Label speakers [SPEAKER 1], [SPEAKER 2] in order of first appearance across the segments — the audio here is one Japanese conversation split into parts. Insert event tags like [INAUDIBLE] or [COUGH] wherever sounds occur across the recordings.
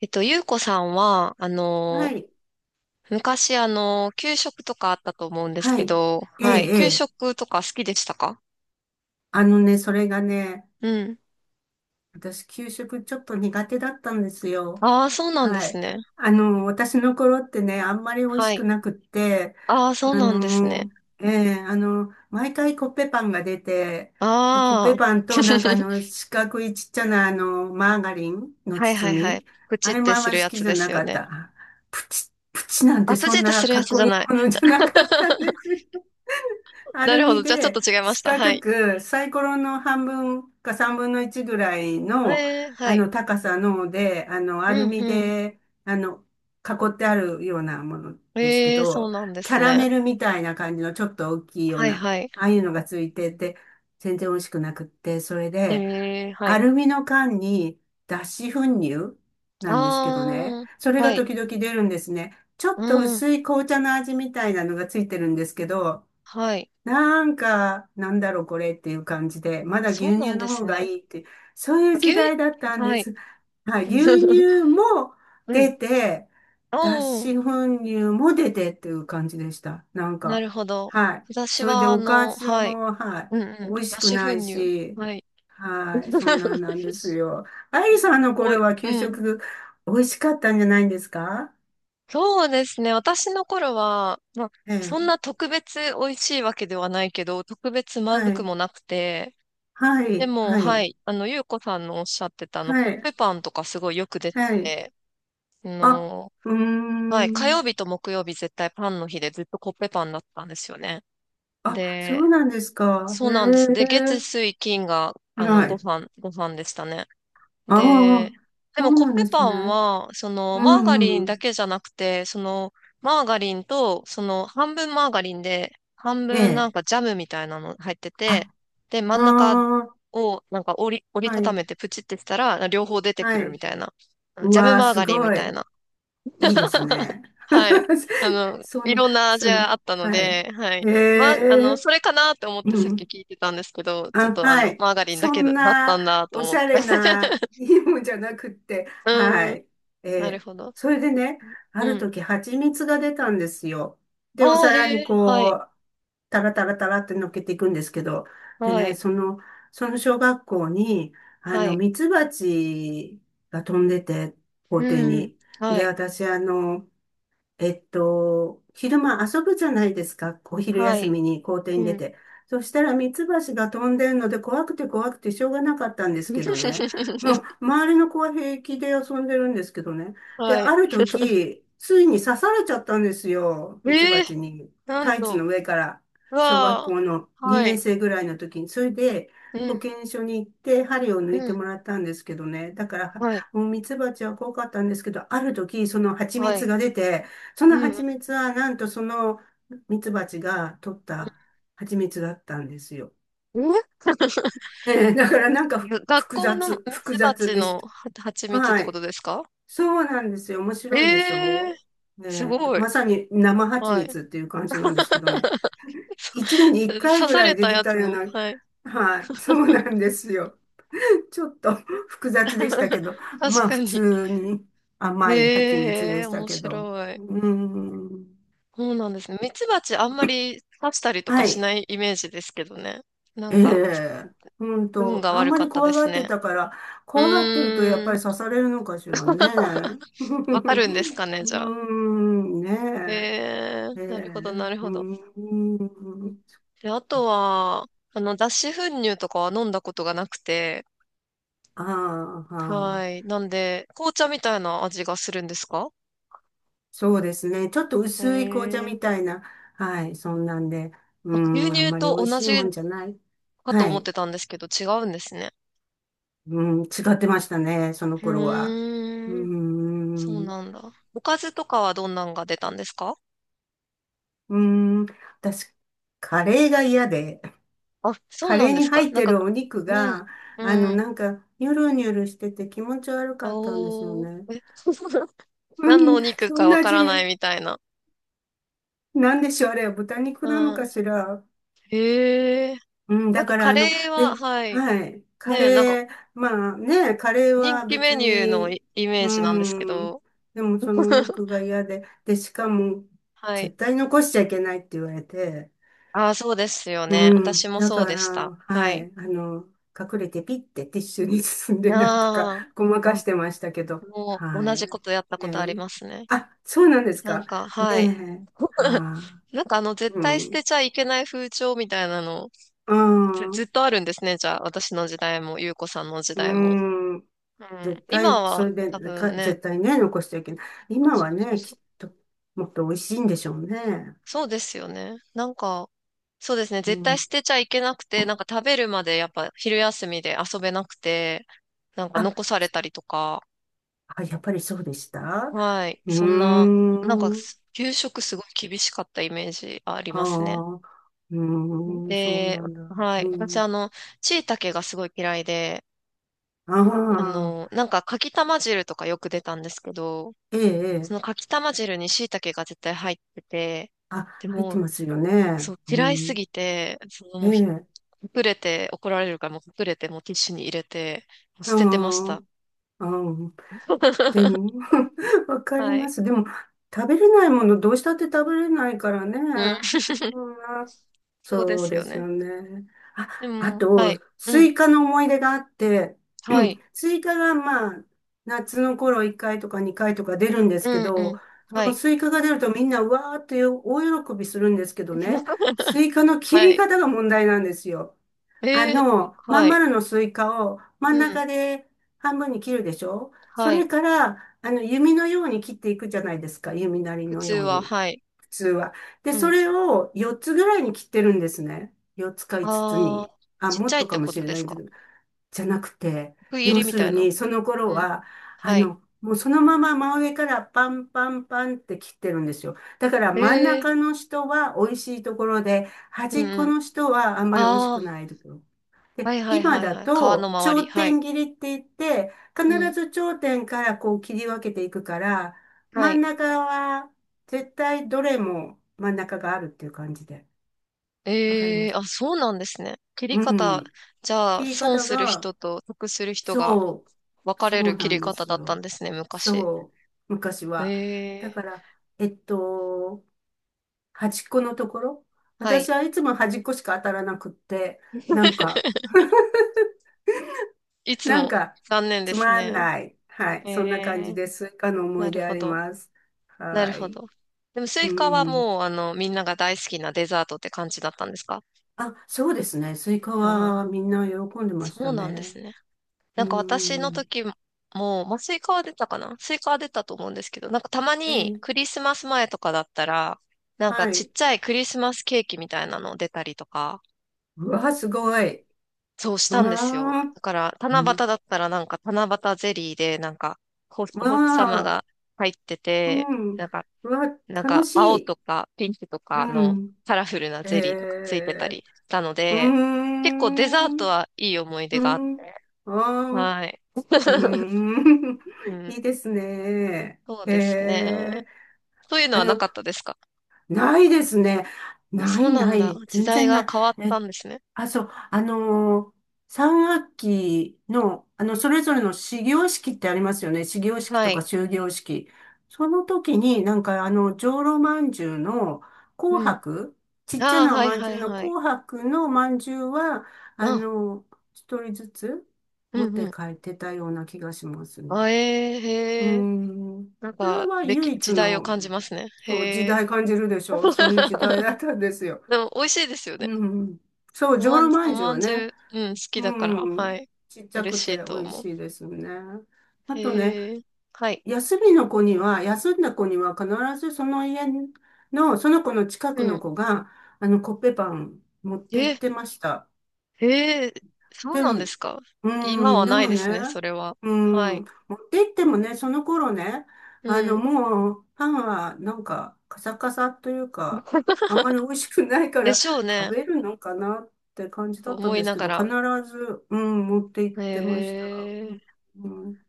[SPEAKER 1] ゆうこさんは、
[SPEAKER 2] はい。
[SPEAKER 1] 昔、給食とかあったと思うんです
[SPEAKER 2] は
[SPEAKER 1] け
[SPEAKER 2] い。
[SPEAKER 1] ど、
[SPEAKER 2] ええ、
[SPEAKER 1] はい。
[SPEAKER 2] え
[SPEAKER 1] 給
[SPEAKER 2] え。
[SPEAKER 1] 食とか好きでしたか？
[SPEAKER 2] あのね、それがね、
[SPEAKER 1] うん。
[SPEAKER 2] 私、給食ちょっと苦手だったんですよ。
[SPEAKER 1] ああ、そうなんで
[SPEAKER 2] は
[SPEAKER 1] す
[SPEAKER 2] い。
[SPEAKER 1] ね。
[SPEAKER 2] 私の頃ってね、あんまり美味し
[SPEAKER 1] は
[SPEAKER 2] く
[SPEAKER 1] い。
[SPEAKER 2] なくって、
[SPEAKER 1] ああ、そう
[SPEAKER 2] あ
[SPEAKER 1] なんですね。
[SPEAKER 2] の、毎回コッペパンが出て、でコッ
[SPEAKER 1] ああ。
[SPEAKER 2] ペパンと
[SPEAKER 1] [LAUGHS]
[SPEAKER 2] 四角いちっちゃなマーガリンの
[SPEAKER 1] はいは
[SPEAKER 2] 包
[SPEAKER 1] いはい。
[SPEAKER 2] み。
[SPEAKER 1] プチ
[SPEAKER 2] あ
[SPEAKER 1] っ
[SPEAKER 2] れも
[SPEAKER 1] て
[SPEAKER 2] あん
[SPEAKER 1] す
[SPEAKER 2] ま
[SPEAKER 1] る
[SPEAKER 2] り好
[SPEAKER 1] や
[SPEAKER 2] き
[SPEAKER 1] つ
[SPEAKER 2] じゃ
[SPEAKER 1] です
[SPEAKER 2] な
[SPEAKER 1] よ
[SPEAKER 2] かっ
[SPEAKER 1] ね。
[SPEAKER 2] た。プチなん
[SPEAKER 1] あ、
[SPEAKER 2] て
[SPEAKER 1] プ
[SPEAKER 2] そ
[SPEAKER 1] チ
[SPEAKER 2] ん
[SPEAKER 1] ってす
[SPEAKER 2] な
[SPEAKER 1] る
[SPEAKER 2] か
[SPEAKER 1] や
[SPEAKER 2] っ
[SPEAKER 1] つじ
[SPEAKER 2] こ
[SPEAKER 1] ゃ
[SPEAKER 2] いい
[SPEAKER 1] ない。
[SPEAKER 2] ものじゃなかったんですよ。
[SPEAKER 1] [LAUGHS]
[SPEAKER 2] [LAUGHS] ア
[SPEAKER 1] な
[SPEAKER 2] ル
[SPEAKER 1] るほど。
[SPEAKER 2] ミ
[SPEAKER 1] じゃあちょっと
[SPEAKER 2] で、
[SPEAKER 1] 違いまし
[SPEAKER 2] 四
[SPEAKER 1] た。は
[SPEAKER 2] 角
[SPEAKER 1] い。
[SPEAKER 2] くサイコロの半分か三分の一ぐらいの、
[SPEAKER 1] えー、は
[SPEAKER 2] あ
[SPEAKER 1] い。
[SPEAKER 2] の高さので、あの
[SPEAKER 1] う
[SPEAKER 2] アルミ
[SPEAKER 1] ん
[SPEAKER 2] で、あの、囲ってあるようなもの
[SPEAKER 1] うん。
[SPEAKER 2] ですけ
[SPEAKER 1] えー、そう
[SPEAKER 2] ど、
[SPEAKER 1] なんで
[SPEAKER 2] キ
[SPEAKER 1] す
[SPEAKER 2] ャラ
[SPEAKER 1] ね。
[SPEAKER 2] メルみたいな感じのちょっと大きいよう
[SPEAKER 1] はい
[SPEAKER 2] な、
[SPEAKER 1] はい。
[SPEAKER 2] ああいうのがついてて、全然美味しくなくって、それで、
[SPEAKER 1] えー、は
[SPEAKER 2] ア
[SPEAKER 1] い。
[SPEAKER 2] ルミの缶に脱脂粉乳なんですけどね、
[SPEAKER 1] あー、
[SPEAKER 2] それ
[SPEAKER 1] は
[SPEAKER 2] が
[SPEAKER 1] い。
[SPEAKER 2] 時々出るんですね。ちょっと
[SPEAKER 1] うん、
[SPEAKER 2] 薄い紅茶の味みたいなのがついてるんですけど、
[SPEAKER 1] はい。
[SPEAKER 2] なんか、なんだろうこれっていう感じで、まだ
[SPEAKER 1] そう
[SPEAKER 2] 牛
[SPEAKER 1] な
[SPEAKER 2] 乳
[SPEAKER 1] ん
[SPEAKER 2] の
[SPEAKER 1] です
[SPEAKER 2] 方が
[SPEAKER 1] ね。
[SPEAKER 2] いいって、そういう時
[SPEAKER 1] 牛、
[SPEAKER 2] 代だったん
[SPEAKER 1] は
[SPEAKER 2] で
[SPEAKER 1] い。
[SPEAKER 2] す。はい、牛
[SPEAKER 1] [LAUGHS]
[SPEAKER 2] 乳も
[SPEAKER 1] うん。
[SPEAKER 2] 出て、
[SPEAKER 1] お
[SPEAKER 2] 脱
[SPEAKER 1] ー、
[SPEAKER 2] 脂粉乳も出てっていう感じでした。なん
[SPEAKER 1] な
[SPEAKER 2] か、
[SPEAKER 1] るほど。
[SPEAKER 2] はい。
[SPEAKER 1] 私
[SPEAKER 2] それで
[SPEAKER 1] は、
[SPEAKER 2] おかず
[SPEAKER 1] はい。
[SPEAKER 2] も、は
[SPEAKER 1] うんう
[SPEAKER 2] い、美
[SPEAKER 1] ん。
[SPEAKER 2] 味しく
[SPEAKER 1] 脱
[SPEAKER 2] な
[SPEAKER 1] 脂
[SPEAKER 2] い
[SPEAKER 1] 粉乳。
[SPEAKER 2] し、
[SPEAKER 1] はい。
[SPEAKER 2] はい、そんなんなんです
[SPEAKER 1] [LAUGHS]
[SPEAKER 2] よ。あゆさんの
[SPEAKER 1] お
[SPEAKER 2] 頃
[SPEAKER 1] い、
[SPEAKER 2] は
[SPEAKER 1] う
[SPEAKER 2] 給
[SPEAKER 1] ん。
[SPEAKER 2] 食美味しかったんじゃないんですか？
[SPEAKER 1] そうですね。私の頃は、まあ、
[SPEAKER 2] え
[SPEAKER 1] そん
[SPEAKER 2] え、
[SPEAKER 1] な特別美味しいわけではないけど、特別ま
[SPEAKER 2] は
[SPEAKER 1] ずく
[SPEAKER 2] い、
[SPEAKER 1] もなくて、
[SPEAKER 2] は
[SPEAKER 1] で
[SPEAKER 2] い、
[SPEAKER 1] も、
[SPEAKER 2] は
[SPEAKER 1] は
[SPEAKER 2] い、
[SPEAKER 1] い。ゆうこさんのおっしゃってた、コ
[SPEAKER 2] は
[SPEAKER 1] ッ
[SPEAKER 2] い、
[SPEAKER 1] ペパンとかすごいよく出て
[SPEAKER 2] はい。
[SPEAKER 1] て、あ
[SPEAKER 2] あ、
[SPEAKER 1] の、
[SPEAKER 2] うー
[SPEAKER 1] はい。火
[SPEAKER 2] ん。
[SPEAKER 1] 曜日と木曜日絶対パンの日でずっとコッペパンだったんですよね。
[SPEAKER 2] あ、そ
[SPEAKER 1] で、
[SPEAKER 2] うなんですか？へ
[SPEAKER 1] そうなんです。で、月、
[SPEAKER 2] え。
[SPEAKER 1] 水、金が、
[SPEAKER 2] はい。
[SPEAKER 1] ご飯でしたね。
[SPEAKER 2] あ
[SPEAKER 1] で、
[SPEAKER 2] あ、
[SPEAKER 1] で
[SPEAKER 2] そ
[SPEAKER 1] も
[SPEAKER 2] う
[SPEAKER 1] コ
[SPEAKER 2] な
[SPEAKER 1] ッ
[SPEAKER 2] ん
[SPEAKER 1] ペ
[SPEAKER 2] です
[SPEAKER 1] パン
[SPEAKER 2] ね。
[SPEAKER 1] は、
[SPEAKER 2] う
[SPEAKER 1] マーガ
[SPEAKER 2] ん
[SPEAKER 1] リン
[SPEAKER 2] う
[SPEAKER 1] だ
[SPEAKER 2] ん。
[SPEAKER 1] けじゃなくて、マーガリンと、半分マーガリンで、半
[SPEAKER 2] え
[SPEAKER 1] 分な
[SPEAKER 2] え。
[SPEAKER 1] んかジャムみたいなの入って
[SPEAKER 2] あ、
[SPEAKER 1] て、で、真
[SPEAKER 2] あ
[SPEAKER 1] ん中
[SPEAKER 2] あ、
[SPEAKER 1] をなんか折り
[SPEAKER 2] は
[SPEAKER 1] たた
[SPEAKER 2] い、
[SPEAKER 1] めてプチってしたら、両方出てく
[SPEAKER 2] は
[SPEAKER 1] るみ
[SPEAKER 2] い。
[SPEAKER 1] たいな。
[SPEAKER 2] う
[SPEAKER 1] ジャム
[SPEAKER 2] わー、
[SPEAKER 1] マー
[SPEAKER 2] す
[SPEAKER 1] ガリンみ
[SPEAKER 2] ご
[SPEAKER 1] たい
[SPEAKER 2] い。
[SPEAKER 1] な。
[SPEAKER 2] いいです
[SPEAKER 1] [LAUGHS]
[SPEAKER 2] ね。
[SPEAKER 1] はい。
[SPEAKER 2] [LAUGHS]
[SPEAKER 1] あの、
[SPEAKER 2] そ
[SPEAKER 1] い
[SPEAKER 2] ん、
[SPEAKER 1] ろんな味
[SPEAKER 2] そん、
[SPEAKER 1] があったの
[SPEAKER 2] はい。
[SPEAKER 1] で、は
[SPEAKER 2] へ
[SPEAKER 1] い。まあ、あの、
[SPEAKER 2] え。
[SPEAKER 1] それかなと思っ
[SPEAKER 2] う
[SPEAKER 1] てさっき
[SPEAKER 2] ん。
[SPEAKER 1] 聞いてたんですけど、ちょっ
[SPEAKER 2] あ、
[SPEAKER 1] とあ
[SPEAKER 2] は
[SPEAKER 1] の、
[SPEAKER 2] い。
[SPEAKER 1] マーガリンだ
[SPEAKER 2] そ
[SPEAKER 1] け
[SPEAKER 2] ん
[SPEAKER 1] だ、だった
[SPEAKER 2] な
[SPEAKER 1] んだと
[SPEAKER 2] お
[SPEAKER 1] 思
[SPEAKER 2] し
[SPEAKER 1] って。
[SPEAKER 2] ゃれな
[SPEAKER 1] [LAUGHS]
[SPEAKER 2] いいもんじゃなくって、は
[SPEAKER 1] うん。
[SPEAKER 2] い。
[SPEAKER 1] なる
[SPEAKER 2] えー
[SPEAKER 1] ほど。
[SPEAKER 2] それでね、あ
[SPEAKER 1] う
[SPEAKER 2] る
[SPEAKER 1] ん。
[SPEAKER 2] 時蜂蜜が出たんですよ。で、お
[SPEAKER 1] ああ、へ
[SPEAKER 2] 皿に
[SPEAKER 1] え、は
[SPEAKER 2] こ
[SPEAKER 1] い。
[SPEAKER 2] う、タラタラタラって乗っけていくんですけど、で
[SPEAKER 1] は
[SPEAKER 2] ね、
[SPEAKER 1] い。
[SPEAKER 2] その小学校に、あ
[SPEAKER 1] は
[SPEAKER 2] の、
[SPEAKER 1] い。
[SPEAKER 2] ミツバチが飛んでて、校庭
[SPEAKER 1] うん。
[SPEAKER 2] に。
[SPEAKER 1] は
[SPEAKER 2] で、
[SPEAKER 1] い。
[SPEAKER 2] 私、昼間遊ぶじゃないですか。お昼
[SPEAKER 1] は
[SPEAKER 2] 休
[SPEAKER 1] い。
[SPEAKER 2] みに校庭に
[SPEAKER 1] う
[SPEAKER 2] 出
[SPEAKER 1] ん。
[SPEAKER 2] て。そしたらミツバチが飛んでるので怖くて怖くてしょうがなかったんですけどね。もう
[SPEAKER 1] [LAUGHS]
[SPEAKER 2] 周りの子は平気で遊んでるんですけどね。で、
[SPEAKER 1] はい。
[SPEAKER 2] ある
[SPEAKER 1] [LAUGHS]
[SPEAKER 2] 時、ついに刺されちゃったんですよ。ミツ
[SPEAKER 1] え
[SPEAKER 2] バ
[SPEAKER 1] え、
[SPEAKER 2] チに。
[SPEAKER 1] なん
[SPEAKER 2] タイツの
[SPEAKER 1] と。
[SPEAKER 2] 上から。
[SPEAKER 1] う
[SPEAKER 2] 小学
[SPEAKER 1] わあ。
[SPEAKER 2] 校の
[SPEAKER 1] は
[SPEAKER 2] 2年
[SPEAKER 1] い。
[SPEAKER 2] 生ぐらいの時に。それで、
[SPEAKER 1] うん。
[SPEAKER 2] 保健所に行って針を抜い
[SPEAKER 1] う
[SPEAKER 2] て
[SPEAKER 1] ん。
[SPEAKER 2] もらったんですけどね。だから、
[SPEAKER 1] はい。
[SPEAKER 2] もうミツバチは怖かったんですけど、ある時、その蜂
[SPEAKER 1] は
[SPEAKER 2] 蜜
[SPEAKER 1] い。
[SPEAKER 2] が出て、その
[SPEAKER 1] うん。
[SPEAKER 2] 蜂蜜は、なんとその蜜蜂が取っ
[SPEAKER 1] うん。
[SPEAKER 2] た蜂蜜だったんですよ。
[SPEAKER 1] え、
[SPEAKER 2] ええ、[LAUGHS] だからなんかふ
[SPEAKER 1] 学
[SPEAKER 2] 複
[SPEAKER 1] 校のミ
[SPEAKER 2] 雑、複
[SPEAKER 1] ツバ
[SPEAKER 2] 雑
[SPEAKER 1] チ
[SPEAKER 2] でし
[SPEAKER 1] の蜂
[SPEAKER 2] た。
[SPEAKER 1] 蜜っ
[SPEAKER 2] は
[SPEAKER 1] てこ
[SPEAKER 2] い。
[SPEAKER 1] とですか？
[SPEAKER 2] そうなんですよ。面
[SPEAKER 1] え
[SPEAKER 2] 白いでし
[SPEAKER 1] えー、
[SPEAKER 2] ょう。え
[SPEAKER 1] す
[SPEAKER 2] え、
[SPEAKER 1] ごい。
[SPEAKER 2] まさに生蜂
[SPEAKER 1] はい。
[SPEAKER 2] 蜜っていう感じなんですけどね。一年に
[SPEAKER 1] [LAUGHS]
[SPEAKER 2] 一回
[SPEAKER 1] 刺
[SPEAKER 2] ぐ
[SPEAKER 1] さ
[SPEAKER 2] らい
[SPEAKER 1] れ
[SPEAKER 2] 出
[SPEAKER 1] た
[SPEAKER 2] て
[SPEAKER 1] や
[SPEAKER 2] た
[SPEAKER 1] つ
[SPEAKER 2] よう
[SPEAKER 1] の、
[SPEAKER 2] な、
[SPEAKER 1] はい。
[SPEAKER 2] はい。そうなんですよ。ちょっと [LAUGHS] 複雑でした
[SPEAKER 1] [LAUGHS]
[SPEAKER 2] けど、ま
[SPEAKER 1] 確
[SPEAKER 2] あ
[SPEAKER 1] か
[SPEAKER 2] 普
[SPEAKER 1] に。
[SPEAKER 2] 通に甘い蜂蜜
[SPEAKER 1] え
[SPEAKER 2] で
[SPEAKER 1] え
[SPEAKER 2] し
[SPEAKER 1] ー、
[SPEAKER 2] た
[SPEAKER 1] 面
[SPEAKER 2] けど。
[SPEAKER 1] 白い。
[SPEAKER 2] うん。
[SPEAKER 1] そうなんですね。ミツバチあんまり刺したりとか
[SPEAKER 2] は
[SPEAKER 1] し
[SPEAKER 2] い。
[SPEAKER 1] ないイメージですけどね。な
[SPEAKER 2] え
[SPEAKER 1] んか、
[SPEAKER 2] え、ほん
[SPEAKER 1] 運
[SPEAKER 2] と。
[SPEAKER 1] が
[SPEAKER 2] あん
[SPEAKER 1] 悪
[SPEAKER 2] ま
[SPEAKER 1] か
[SPEAKER 2] り
[SPEAKER 1] ったで
[SPEAKER 2] 怖が
[SPEAKER 1] す
[SPEAKER 2] って
[SPEAKER 1] ね。
[SPEAKER 2] たから、
[SPEAKER 1] う
[SPEAKER 2] 怖がってるとやっぱ
[SPEAKER 1] ーん。
[SPEAKER 2] り刺されるのかしらね。[LAUGHS]
[SPEAKER 1] [LAUGHS] わかるんですか
[SPEAKER 2] う
[SPEAKER 1] ね、
[SPEAKER 2] ー
[SPEAKER 1] じゃあ。
[SPEAKER 2] ん、
[SPEAKER 1] え
[SPEAKER 2] ね
[SPEAKER 1] え
[SPEAKER 2] え。ええ、
[SPEAKER 1] ー、なるほど、なる
[SPEAKER 2] う
[SPEAKER 1] ほど。
[SPEAKER 2] ーん。
[SPEAKER 1] で、あとは、あの、脱脂粉乳とかは飲んだことがなくて、
[SPEAKER 2] あ
[SPEAKER 1] は
[SPEAKER 2] あ、ああ
[SPEAKER 1] い。なんで、紅茶みたいな味がするんですか？
[SPEAKER 2] そうですね。ちょっと
[SPEAKER 1] え
[SPEAKER 2] 薄い紅茶
[SPEAKER 1] えー。
[SPEAKER 2] みたいな。はい、そんなんで。うー
[SPEAKER 1] なんか牛
[SPEAKER 2] ん、あん
[SPEAKER 1] 乳
[SPEAKER 2] まり美
[SPEAKER 1] と
[SPEAKER 2] 味
[SPEAKER 1] 同
[SPEAKER 2] しいも
[SPEAKER 1] じ
[SPEAKER 2] んじゃない。
[SPEAKER 1] かと
[SPEAKER 2] は
[SPEAKER 1] 思っ
[SPEAKER 2] い。
[SPEAKER 1] てたんですけど、違うんですね。
[SPEAKER 2] うん、違ってましたね、その
[SPEAKER 1] う
[SPEAKER 2] 頃は。うー
[SPEAKER 1] ーん。そう
[SPEAKER 2] ん、う
[SPEAKER 1] なんだ。おかずとかはどんなんが出たんですか？
[SPEAKER 2] ーん、私、カレーが嫌で、
[SPEAKER 1] あ、そ
[SPEAKER 2] カ
[SPEAKER 1] うな
[SPEAKER 2] レ
[SPEAKER 1] ん
[SPEAKER 2] ー
[SPEAKER 1] で
[SPEAKER 2] に
[SPEAKER 1] すか。
[SPEAKER 2] 入っ
[SPEAKER 1] なん
[SPEAKER 2] て
[SPEAKER 1] か、
[SPEAKER 2] るお肉
[SPEAKER 1] うん、
[SPEAKER 2] が、
[SPEAKER 1] うん。
[SPEAKER 2] ニュルニュルしてて気持ち悪かったんですよ
[SPEAKER 1] おー。
[SPEAKER 2] ね。
[SPEAKER 1] え [LAUGHS]
[SPEAKER 2] う
[SPEAKER 1] 何の
[SPEAKER 2] ん、
[SPEAKER 1] お肉
[SPEAKER 2] そん
[SPEAKER 1] か
[SPEAKER 2] な
[SPEAKER 1] わか
[SPEAKER 2] 味、
[SPEAKER 1] らないみたいな。
[SPEAKER 2] なんでしょう、あれ、豚肉
[SPEAKER 1] う
[SPEAKER 2] なのか
[SPEAKER 1] ん。
[SPEAKER 2] しら。
[SPEAKER 1] へえ。
[SPEAKER 2] うん、
[SPEAKER 1] なん
[SPEAKER 2] だ
[SPEAKER 1] か
[SPEAKER 2] から、
[SPEAKER 1] カ
[SPEAKER 2] あの、
[SPEAKER 1] レーは、
[SPEAKER 2] で、
[SPEAKER 1] はい。
[SPEAKER 2] はい、カ
[SPEAKER 1] ねえ、なんか
[SPEAKER 2] レー、まあね、カレー
[SPEAKER 1] 人
[SPEAKER 2] は
[SPEAKER 1] 気メ
[SPEAKER 2] 別
[SPEAKER 1] ニューの
[SPEAKER 2] に、
[SPEAKER 1] イイメー
[SPEAKER 2] う
[SPEAKER 1] ジなんですけ
[SPEAKER 2] ん、
[SPEAKER 1] ど。
[SPEAKER 2] でもそのお
[SPEAKER 1] [LAUGHS]
[SPEAKER 2] 肉が嫌で、で、しかも、
[SPEAKER 1] はい。
[SPEAKER 2] 絶対残しちゃいけないって言われて、
[SPEAKER 1] ああ、そうですよね。
[SPEAKER 2] う
[SPEAKER 1] 私
[SPEAKER 2] ん。
[SPEAKER 1] も
[SPEAKER 2] だ
[SPEAKER 1] そ
[SPEAKER 2] か
[SPEAKER 1] うでした。
[SPEAKER 2] ら、
[SPEAKER 1] は
[SPEAKER 2] は
[SPEAKER 1] い。
[SPEAKER 2] い。あの、隠れてピッてティッシュに包んでなんとか
[SPEAKER 1] あ
[SPEAKER 2] [LAUGHS] ごま
[SPEAKER 1] あ、
[SPEAKER 2] か
[SPEAKER 1] あ
[SPEAKER 2] してましたけど。
[SPEAKER 1] もう
[SPEAKER 2] は
[SPEAKER 1] 同じこ
[SPEAKER 2] い。
[SPEAKER 1] とやった
[SPEAKER 2] え
[SPEAKER 1] こと
[SPEAKER 2] え
[SPEAKER 1] ありますね。
[SPEAKER 2] あ、そうなんです
[SPEAKER 1] なん
[SPEAKER 2] か？
[SPEAKER 1] か、
[SPEAKER 2] ね
[SPEAKER 1] はい。
[SPEAKER 2] え。
[SPEAKER 1] [LAUGHS]
[SPEAKER 2] はあ。
[SPEAKER 1] なんかあの、絶
[SPEAKER 2] う
[SPEAKER 1] 対捨
[SPEAKER 2] ん。
[SPEAKER 1] てちゃいけない風潮みたいなの、
[SPEAKER 2] あ
[SPEAKER 1] ずっ
[SPEAKER 2] あ。
[SPEAKER 1] とあるんですね。じゃあ、私の時代も、ゆうこさんの時
[SPEAKER 2] う
[SPEAKER 1] 代も。
[SPEAKER 2] ん。
[SPEAKER 1] うん。
[SPEAKER 2] 絶
[SPEAKER 1] 今
[SPEAKER 2] 対、そ
[SPEAKER 1] は
[SPEAKER 2] れ
[SPEAKER 1] 多
[SPEAKER 2] で、か、
[SPEAKER 1] 分ね、
[SPEAKER 2] 絶対ね、残してはいけない。今
[SPEAKER 1] そ
[SPEAKER 2] は
[SPEAKER 1] う
[SPEAKER 2] ね、
[SPEAKER 1] そ
[SPEAKER 2] きっ
[SPEAKER 1] う
[SPEAKER 2] と、もっと美味しいんでしょうね。
[SPEAKER 1] そうですよね。なんか、そうですね。
[SPEAKER 2] う
[SPEAKER 1] 絶対
[SPEAKER 2] ん。
[SPEAKER 1] 捨てちゃいけなくて、なんか食べるまでやっぱ昼休みで遊べなくて、なんか
[SPEAKER 2] あ、
[SPEAKER 1] 残されたりとか、
[SPEAKER 2] あ、やっぱりそうでした。
[SPEAKER 1] はい。
[SPEAKER 2] う
[SPEAKER 1] そんな、なんか
[SPEAKER 2] ーん。
[SPEAKER 1] す、給食すごい厳しかったイメージあり
[SPEAKER 2] あ
[SPEAKER 1] ますね。
[SPEAKER 2] あ、うーん、そう
[SPEAKER 1] で、
[SPEAKER 2] なんだ。
[SPEAKER 1] は
[SPEAKER 2] う
[SPEAKER 1] い。私
[SPEAKER 2] ん。
[SPEAKER 1] あの、しいたけがすごい嫌いで、
[SPEAKER 2] あ
[SPEAKER 1] あの、
[SPEAKER 2] あ、
[SPEAKER 1] なんかかきたま汁とかよく出たんですけど、
[SPEAKER 2] ええ、え
[SPEAKER 1] その
[SPEAKER 2] え。
[SPEAKER 1] かきたま汁にしいたけが絶対入ってて、
[SPEAKER 2] あ、
[SPEAKER 1] で
[SPEAKER 2] 入って
[SPEAKER 1] も、
[SPEAKER 2] ますよ
[SPEAKER 1] そ
[SPEAKER 2] ね。
[SPEAKER 1] う、
[SPEAKER 2] う
[SPEAKER 1] 嫌いすぎ
[SPEAKER 2] ん。
[SPEAKER 1] て、そのも
[SPEAKER 2] え
[SPEAKER 1] う
[SPEAKER 2] え、
[SPEAKER 1] 隠れて怒られるから、もう隠れて、もうティッシュに入れて、もう
[SPEAKER 2] あ
[SPEAKER 1] 捨ててまし
[SPEAKER 2] あ、
[SPEAKER 1] た。
[SPEAKER 2] ああ、でも、
[SPEAKER 1] [LAUGHS]
[SPEAKER 2] [LAUGHS] わかり
[SPEAKER 1] は
[SPEAKER 2] ま
[SPEAKER 1] い。
[SPEAKER 2] す。でも、食べれないもの、どうしたって食べれないからね。
[SPEAKER 1] うん。[LAUGHS]
[SPEAKER 2] うん
[SPEAKER 1] そうで
[SPEAKER 2] そう
[SPEAKER 1] す
[SPEAKER 2] で
[SPEAKER 1] よ
[SPEAKER 2] す
[SPEAKER 1] ね。
[SPEAKER 2] よね。あ、
[SPEAKER 1] で
[SPEAKER 2] あ
[SPEAKER 1] も、は
[SPEAKER 2] と、
[SPEAKER 1] い。
[SPEAKER 2] ス
[SPEAKER 1] うん。
[SPEAKER 2] イカの思い出があって、
[SPEAKER 1] はい。
[SPEAKER 2] [CLEARS THROAT] スイカがまあ、夏の頃1回とか2回とか出るんです
[SPEAKER 1] う
[SPEAKER 2] け
[SPEAKER 1] ん、う
[SPEAKER 2] ど、
[SPEAKER 1] ん。
[SPEAKER 2] そ
[SPEAKER 1] は
[SPEAKER 2] の
[SPEAKER 1] い。
[SPEAKER 2] スイカが出るとみんなうわーって大喜びするんですけどね、
[SPEAKER 1] [LAUGHS]
[SPEAKER 2] スイカの切
[SPEAKER 1] は
[SPEAKER 2] り
[SPEAKER 1] い。
[SPEAKER 2] 方が問題なんですよ。あ
[SPEAKER 1] え
[SPEAKER 2] の、
[SPEAKER 1] ー、
[SPEAKER 2] ま
[SPEAKER 1] は
[SPEAKER 2] ん
[SPEAKER 1] い。
[SPEAKER 2] 丸のスイカを真ん
[SPEAKER 1] うん。
[SPEAKER 2] 中で半分に切るでしょ？そ
[SPEAKER 1] は
[SPEAKER 2] れ
[SPEAKER 1] い。
[SPEAKER 2] から、あの、弓のように切っていくじゃないですか、弓なり
[SPEAKER 1] 普
[SPEAKER 2] の
[SPEAKER 1] 通
[SPEAKER 2] よう
[SPEAKER 1] は、
[SPEAKER 2] に。
[SPEAKER 1] はい。
[SPEAKER 2] 普通は。で、
[SPEAKER 1] う
[SPEAKER 2] そ
[SPEAKER 1] ん。
[SPEAKER 2] れを4つぐらいに切ってるんですね。4つか5つつ
[SPEAKER 1] あー、
[SPEAKER 2] に。あ、
[SPEAKER 1] ちっ
[SPEAKER 2] も
[SPEAKER 1] ち
[SPEAKER 2] っ
[SPEAKER 1] ゃいっ
[SPEAKER 2] とか
[SPEAKER 1] て
[SPEAKER 2] も
[SPEAKER 1] こ
[SPEAKER 2] し
[SPEAKER 1] と
[SPEAKER 2] れ
[SPEAKER 1] で
[SPEAKER 2] ない
[SPEAKER 1] す
[SPEAKER 2] んです
[SPEAKER 1] か？
[SPEAKER 2] けど。じゃなくて、
[SPEAKER 1] 区切
[SPEAKER 2] 要
[SPEAKER 1] りみ
[SPEAKER 2] す
[SPEAKER 1] た
[SPEAKER 2] る
[SPEAKER 1] いな。
[SPEAKER 2] に、その頃
[SPEAKER 1] うん。
[SPEAKER 2] は、あ
[SPEAKER 1] はい。
[SPEAKER 2] の、もうそのまま真上からパンパンパンって切ってるんですよ。だから真ん
[SPEAKER 1] え
[SPEAKER 2] 中
[SPEAKER 1] ー、
[SPEAKER 2] の人は美味しいところで、
[SPEAKER 1] うん、
[SPEAKER 2] 端っこ
[SPEAKER 1] うん。
[SPEAKER 2] の人はあんまり美味し
[SPEAKER 1] あー、
[SPEAKER 2] くないところ
[SPEAKER 1] は
[SPEAKER 2] で、
[SPEAKER 1] い、はい、
[SPEAKER 2] 今
[SPEAKER 1] はい、
[SPEAKER 2] だ
[SPEAKER 1] はい。川の
[SPEAKER 2] と、
[SPEAKER 1] 周
[SPEAKER 2] 頂
[SPEAKER 1] り。はい。
[SPEAKER 2] 点切りって言って、必
[SPEAKER 1] うん。
[SPEAKER 2] ず頂点からこう切り分けていくから、
[SPEAKER 1] は
[SPEAKER 2] 真ん
[SPEAKER 1] い。
[SPEAKER 2] 中は絶対どれも真ん中があるっていう感じで。わかり
[SPEAKER 1] え
[SPEAKER 2] ま
[SPEAKER 1] え
[SPEAKER 2] す。
[SPEAKER 1] あ、そうなんですね。切り
[SPEAKER 2] う
[SPEAKER 1] 方、
[SPEAKER 2] ん。
[SPEAKER 1] じゃ
[SPEAKER 2] 切
[SPEAKER 1] あ、
[SPEAKER 2] り
[SPEAKER 1] 損
[SPEAKER 2] 方
[SPEAKER 1] する
[SPEAKER 2] が、
[SPEAKER 1] 人と得する人が
[SPEAKER 2] そう、
[SPEAKER 1] 分か
[SPEAKER 2] そ
[SPEAKER 1] れ
[SPEAKER 2] う
[SPEAKER 1] る切
[SPEAKER 2] なん
[SPEAKER 1] り
[SPEAKER 2] で
[SPEAKER 1] 方
[SPEAKER 2] す
[SPEAKER 1] だったん
[SPEAKER 2] よ。
[SPEAKER 1] ですね、昔。
[SPEAKER 2] そう、昔は。だ
[SPEAKER 1] え
[SPEAKER 2] か
[SPEAKER 1] え
[SPEAKER 2] ら、えっと、端っこのところ。
[SPEAKER 1] は
[SPEAKER 2] 私
[SPEAKER 1] い。
[SPEAKER 2] はいつも端っこしか当たらなくって、なんか、[LAUGHS]
[SPEAKER 1] いつ
[SPEAKER 2] なん
[SPEAKER 1] も
[SPEAKER 2] か、
[SPEAKER 1] 残念で
[SPEAKER 2] つ
[SPEAKER 1] す
[SPEAKER 2] まん
[SPEAKER 1] ね。
[SPEAKER 2] ない。はい。
[SPEAKER 1] え
[SPEAKER 2] そんな感じ
[SPEAKER 1] え
[SPEAKER 2] です。スイカの思
[SPEAKER 1] な
[SPEAKER 2] い
[SPEAKER 1] る
[SPEAKER 2] 出あ
[SPEAKER 1] ほ
[SPEAKER 2] り
[SPEAKER 1] ど。
[SPEAKER 2] ます。
[SPEAKER 1] なる
[SPEAKER 2] は
[SPEAKER 1] ほ
[SPEAKER 2] い。
[SPEAKER 1] ど。でも、ス
[SPEAKER 2] う
[SPEAKER 1] イカは
[SPEAKER 2] ん。
[SPEAKER 1] もう、あの、みんなが大好きなデザートって感じだったんですか？
[SPEAKER 2] あ、そうですね。スイカ
[SPEAKER 1] いやー
[SPEAKER 2] はみんな喜んでまし
[SPEAKER 1] そう
[SPEAKER 2] た
[SPEAKER 1] なんで
[SPEAKER 2] ね。
[SPEAKER 1] すね。
[SPEAKER 2] う
[SPEAKER 1] なんか私の
[SPEAKER 2] ん。
[SPEAKER 1] 時も、まあ、スイカは出たかなスイカは出たと思うんですけど、なんかたま
[SPEAKER 2] え
[SPEAKER 1] に
[SPEAKER 2] え、
[SPEAKER 1] クリスマス前とかだったら、なんか
[SPEAKER 2] は
[SPEAKER 1] ちっ
[SPEAKER 2] い。
[SPEAKER 1] ちゃいクリスマスケーキみたいなの出たりとか、
[SPEAKER 2] うわ、すごい。
[SPEAKER 1] そうし
[SPEAKER 2] う
[SPEAKER 1] たんですよ。
[SPEAKER 2] わー、
[SPEAKER 1] だから、
[SPEAKER 2] う
[SPEAKER 1] 七夕
[SPEAKER 2] ん。
[SPEAKER 1] だったらなんか七夕ゼリーで、なんか、ほ
[SPEAKER 2] う
[SPEAKER 1] お星様
[SPEAKER 2] わ
[SPEAKER 1] が入って
[SPEAKER 2] ー、
[SPEAKER 1] て、
[SPEAKER 2] うん。
[SPEAKER 1] なんか、
[SPEAKER 2] うわ、
[SPEAKER 1] なん
[SPEAKER 2] 楽
[SPEAKER 1] か
[SPEAKER 2] し
[SPEAKER 1] 青と
[SPEAKER 2] い。
[SPEAKER 1] かピンクとか
[SPEAKER 2] う
[SPEAKER 1] の
[SPEAKER 2] ん。
[SPEAKER 1] カラフルな
[SPEAKER 2] え
[SPEAKER 1] ゼリーとかついてた
[SPEAKER 2] え、
[SPEAKER 1] りしたの
[SPEAKER 2] うー
[SPEAKER 1] で、結構デザー
[SPEAKER 2] ん。
[SPEAKER 1] トはいい思い
[SPEAKER 2] う
[SPEAKER 1] 出があっ
[SPEAKER 2] ん。
[SPEAKER 1] て、
[SPEAKER 2] ああ。
[SPEAKER 1] はい。
[SPEAKER 2] うー
[SPEAKER 1] [LAUGHS]
[SPEAKER 2] ん、
[SPEAKER 1] う
[SPEAKER 2] [LAUGHS] いい
[SPEAKER 1] ん
[SPEAKER 2] ですね。
[SPEAKER 1] そう
[SPEAKER 2] へ
[SPEAKER 1] ですね。
[SPEAKER 2] え。
[SPEAKER 1] そういうの
[SPEAKER 2] あ
[SPEAKER 1] はな
[SPEAKER 2] の、
[SPEAKER 1] かったですか？
[SPEAKER 2] ないですね。
[SPEAKER 1] あ、
[SPEAKER 2] な
[SPEAKER 1] そう
[SPEAKER 2] い
[SPEAKER 1] な
[SPEAKER 2] な
[SPEAKER 1] んだ。
[SPEAKER 2] い。
[SPEAKER 1] 時
[SPEAKER 2] 全
[SPEAKER 1] 代
[SPEAKER 2] 然
[SPEAKER 1] が
[SPEAKER 2] ない。
[SPEAKER 1] 変わっ
[SPEAKER 2] え、
[SPEAKER 1] たんですね。
[SPEAKER 2] あ、そう、あのー、3学期の、あの、それぞれの始業式ってありますよね。始業式
[SPEAKER 1] は
[SPEAKER 2] とか
[SPEAKER 1] い。
[SPEAKER 2] 終業式。その時に、なんか、あの、上炉まんじゅうの紅
[SPEAKER 1] うん。
[SPEAKER 2] 白、ちっちゃ
[SPEAKER 1] ああ、
[SPEAKER 2] なお
[SPEAKER 1] はい
[SPEAKER 2] まん
[SPEAKER 1] は
[SPEAKER 2] じゅう
[SPEAKER 1] い
[SPEAKER 2] の
[SPEAKER 1] はい。
[SPEAKER 2] 紅白のまんじゅうは、あ
[SPEAKER 1] あ、
[SPEAKER 2] の、一人ずつ
[SPEAKER 1] う
[SPEAKER 2] 持っ
[SPEAKER 1] んう
[SPEAKER 2] て
[SPEAKER 1] ん。
[SPEAKER 2] 帰ってたような気がします
[SPEAKER 1] あ、
[SPEAKER 2] ね。
[SPEAKER 1] ええ
[SPEAKER 2] う
[SPEAKER 1] へえ。
[SPEAKER 2] ん。
[SPEAKER 1] なん
[SPEAKER 2] それ
[SPEAKER 1] か、
[SPEAKER 2] は
[SPEAKER 1] べき、
[SPEAKER 2] 唯一
[SPEAKER 1] 時代を
[SPEAKER 2] の、
[SPEAKER 1] 感じますね。へ
[SPEAKER 2] そう、時
[SPEAKER 1] え。
[SPEAKER 2] 代感じるでしょ？そういう時代だ
[SPEAKER 1] [LAUGHS]
[SPEAKER 2] ったんですよ。
[SPEAKER 1] でも、美味しいですよね。
[SPEAKER 2] うん。そう、じょうろま
[SPEAKER 1] お
[SPEAKER 2] んじゅう
[SPEAKER 1] ま
[SPEAKER 2] は
[SPEAKER 1] んじ
[SPEAKER 2] ね。
[SPEAKER 1] ゅう、うん、好き
[SPEAKER 2] う
[SPEAKER 1] だから、は
[SPEAKER 2] ん。
[SPEAKER 1] い。
[SPEAKER 2] ちっちゃ
[SPEAKER 1] 嬉
[SPEAKER 2] く
[SPEAKER 1] し
[SPEAKER 2] て
[SPEAKER 1] い
[SPEAKER 2] 美
[SPEAKER 1] と
[SPEAKER 2] 味
[SPEAKER 1] 思う。
[SPEAKER 2] しいですよね。あとね、
[SPEAKER 1] へえ。はい。
[SPEAKER 2] 休みの子には、休んだ子には必ずその家の、その子の近
[SPEAKER 1] う
[SPEAKER 2] くの
[SPEAKER 1] ん。
[SPEAKER 2] 子が、あの、コッペパン持って行っ
[SPEAKER 1] え、
[SPEAKER 2] てました。
[SPEAKER 1] へえ、そう
[SPEAKER 2] で
[SPEAKER 1] なんで
[SPEAKER 2] も、
[SPEAKER 1] すか？今
[SPEAKER 2] うん、
[SPEAKER 1] は
[SPEAKER 2] で
[SPEAKER 1] ない
[SPEAKER 2] も
[SPEAKER 1] です
[SPEAKER 2] ね、
[SPEAKER 1] ね、それは。
[SPEAKER 2] う
[SPEAKER 1] はい。
[SPEAKER 2] ん、持って行ってもね、その頃ね、あ
[SPEAKER 1] う
[SPEAKER 2] の、
[SPEAKER 1] ん。
[SPEAKER 2] もう、パンはなんか、カサカサというか、あんまり美味しくないか
[SPEAKER 1] で
[SPEAKER 2] ら、
[SPEAKER 1] しょう
[SPEAKER 2] 食
[SPEAKER 1] ね。
[SPEAKER 2] べるのかなって感じだ
[SPEAKER 1] と
[SPEAKER 2] ったん
[SPEAKER 1] 思い
[SPEAKER 2] です
[SPEAKER 1] な
[SPEAKER 2] け
[SPEAKER 1] が
[SPEAKER 2] ど、必
[SPEAKER 1] ら。
[SPEAKER 2] ず、うん、持って行ってまし
[SPEAKER 1] へ
[SPEAKER 2] た。
[SPEAKER 1] え、
[SPEAKER 2] うん、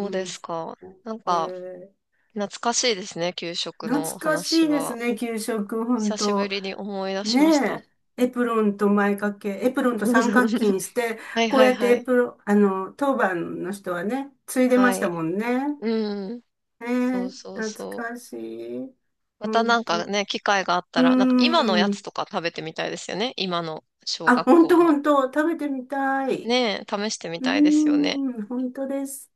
[SPEAKER 2] う
[SPEAKER 1] う
[SPEAKER 2] ん。
[SPEAKER 1] で
[SPEAKER 2] うん
[SPEAKER 1] すか。なん
[SPEAKER 2] え
[SPEAKER 1] か、
[SPEAKER 2] ー
[SPEAKER 1] 懐かしいですね、給食
[SPEAKER 2] 懐
[SPEAKER 1] の
[SPEAKER 2] かし
[SPEAKER 1] 話
[SPEAKER 2] いです
[SPEAKER 1] は。
[SPEAKER 2] ね、給食、本
[SPEAKER 1] 久しぶ
[SPEAKER 2] 当。
[SPEAKER 1] りに思い出しました。
[SPEAKER 2] ねえ、エプロンと前掛け、エプロンと
[SPEAKER 1] うん
[SPEAKER 2] 三角
[SPEAKER 1] [LAUGHS]
[SPEAKER 2] 巾して、
[SPEAKER 1] はい
[SPEAKER 2] こう
[SPEAKER 1] はい
[SPEAKER 2] やって
[SPEAKER 1] は
[SPEAKER 2] エ
[SPEAKER 1] い。
[SPEAKER 2] プロン、あの、当番の人はね、ついでま
[SPEAKER 1] は
[SPEAKER 2] した
[SPEAKER 1] い。
[SPEAKER 2] もんね。
[SPEAKER 1] うん。
[SPEAKER 2] ね
[SPEAKER 1] そ
[SPEAKER 2] え、
[SPEAKER 1] うそう
[SPEAKER 2] 懐
[SPEAKER 1] そう。
[SPEAKER 2] かしい。
[SPEAKER 1] ま
[SPEAKER 2] ほ
[SPEAKER 1] たな
[SPEAKER 2] ん
[SPEAKER 1] んか
[SPEAKER 2] と。
[SPEAKER 1] ね、機会があっ
[SPEAKER 2] う
[SPEAKER 1] た
[SPEAKER 2] ー
[SPEAKER 1] ら、なんか今のやつ
[SPEAKER 2] ん。
[SPEAKER 1] とか食べてみたいですよね。今の小
[SPEAKER 2] あ、
[SPEAKER 1] 学
[SPEAKER 2] ほんと
[SPEAKER 1] 校
[SPEAKER 2] ほ
[SPEAKER 1] の。
[SPEAKER 2] んと、食べてみたい。
[SPEAKER 1] ねえ、試してみ
[SPEAKER 2] うー
[SPEAKER 1] たいですよね。
[SPEAKER 2] ん、ほんとです。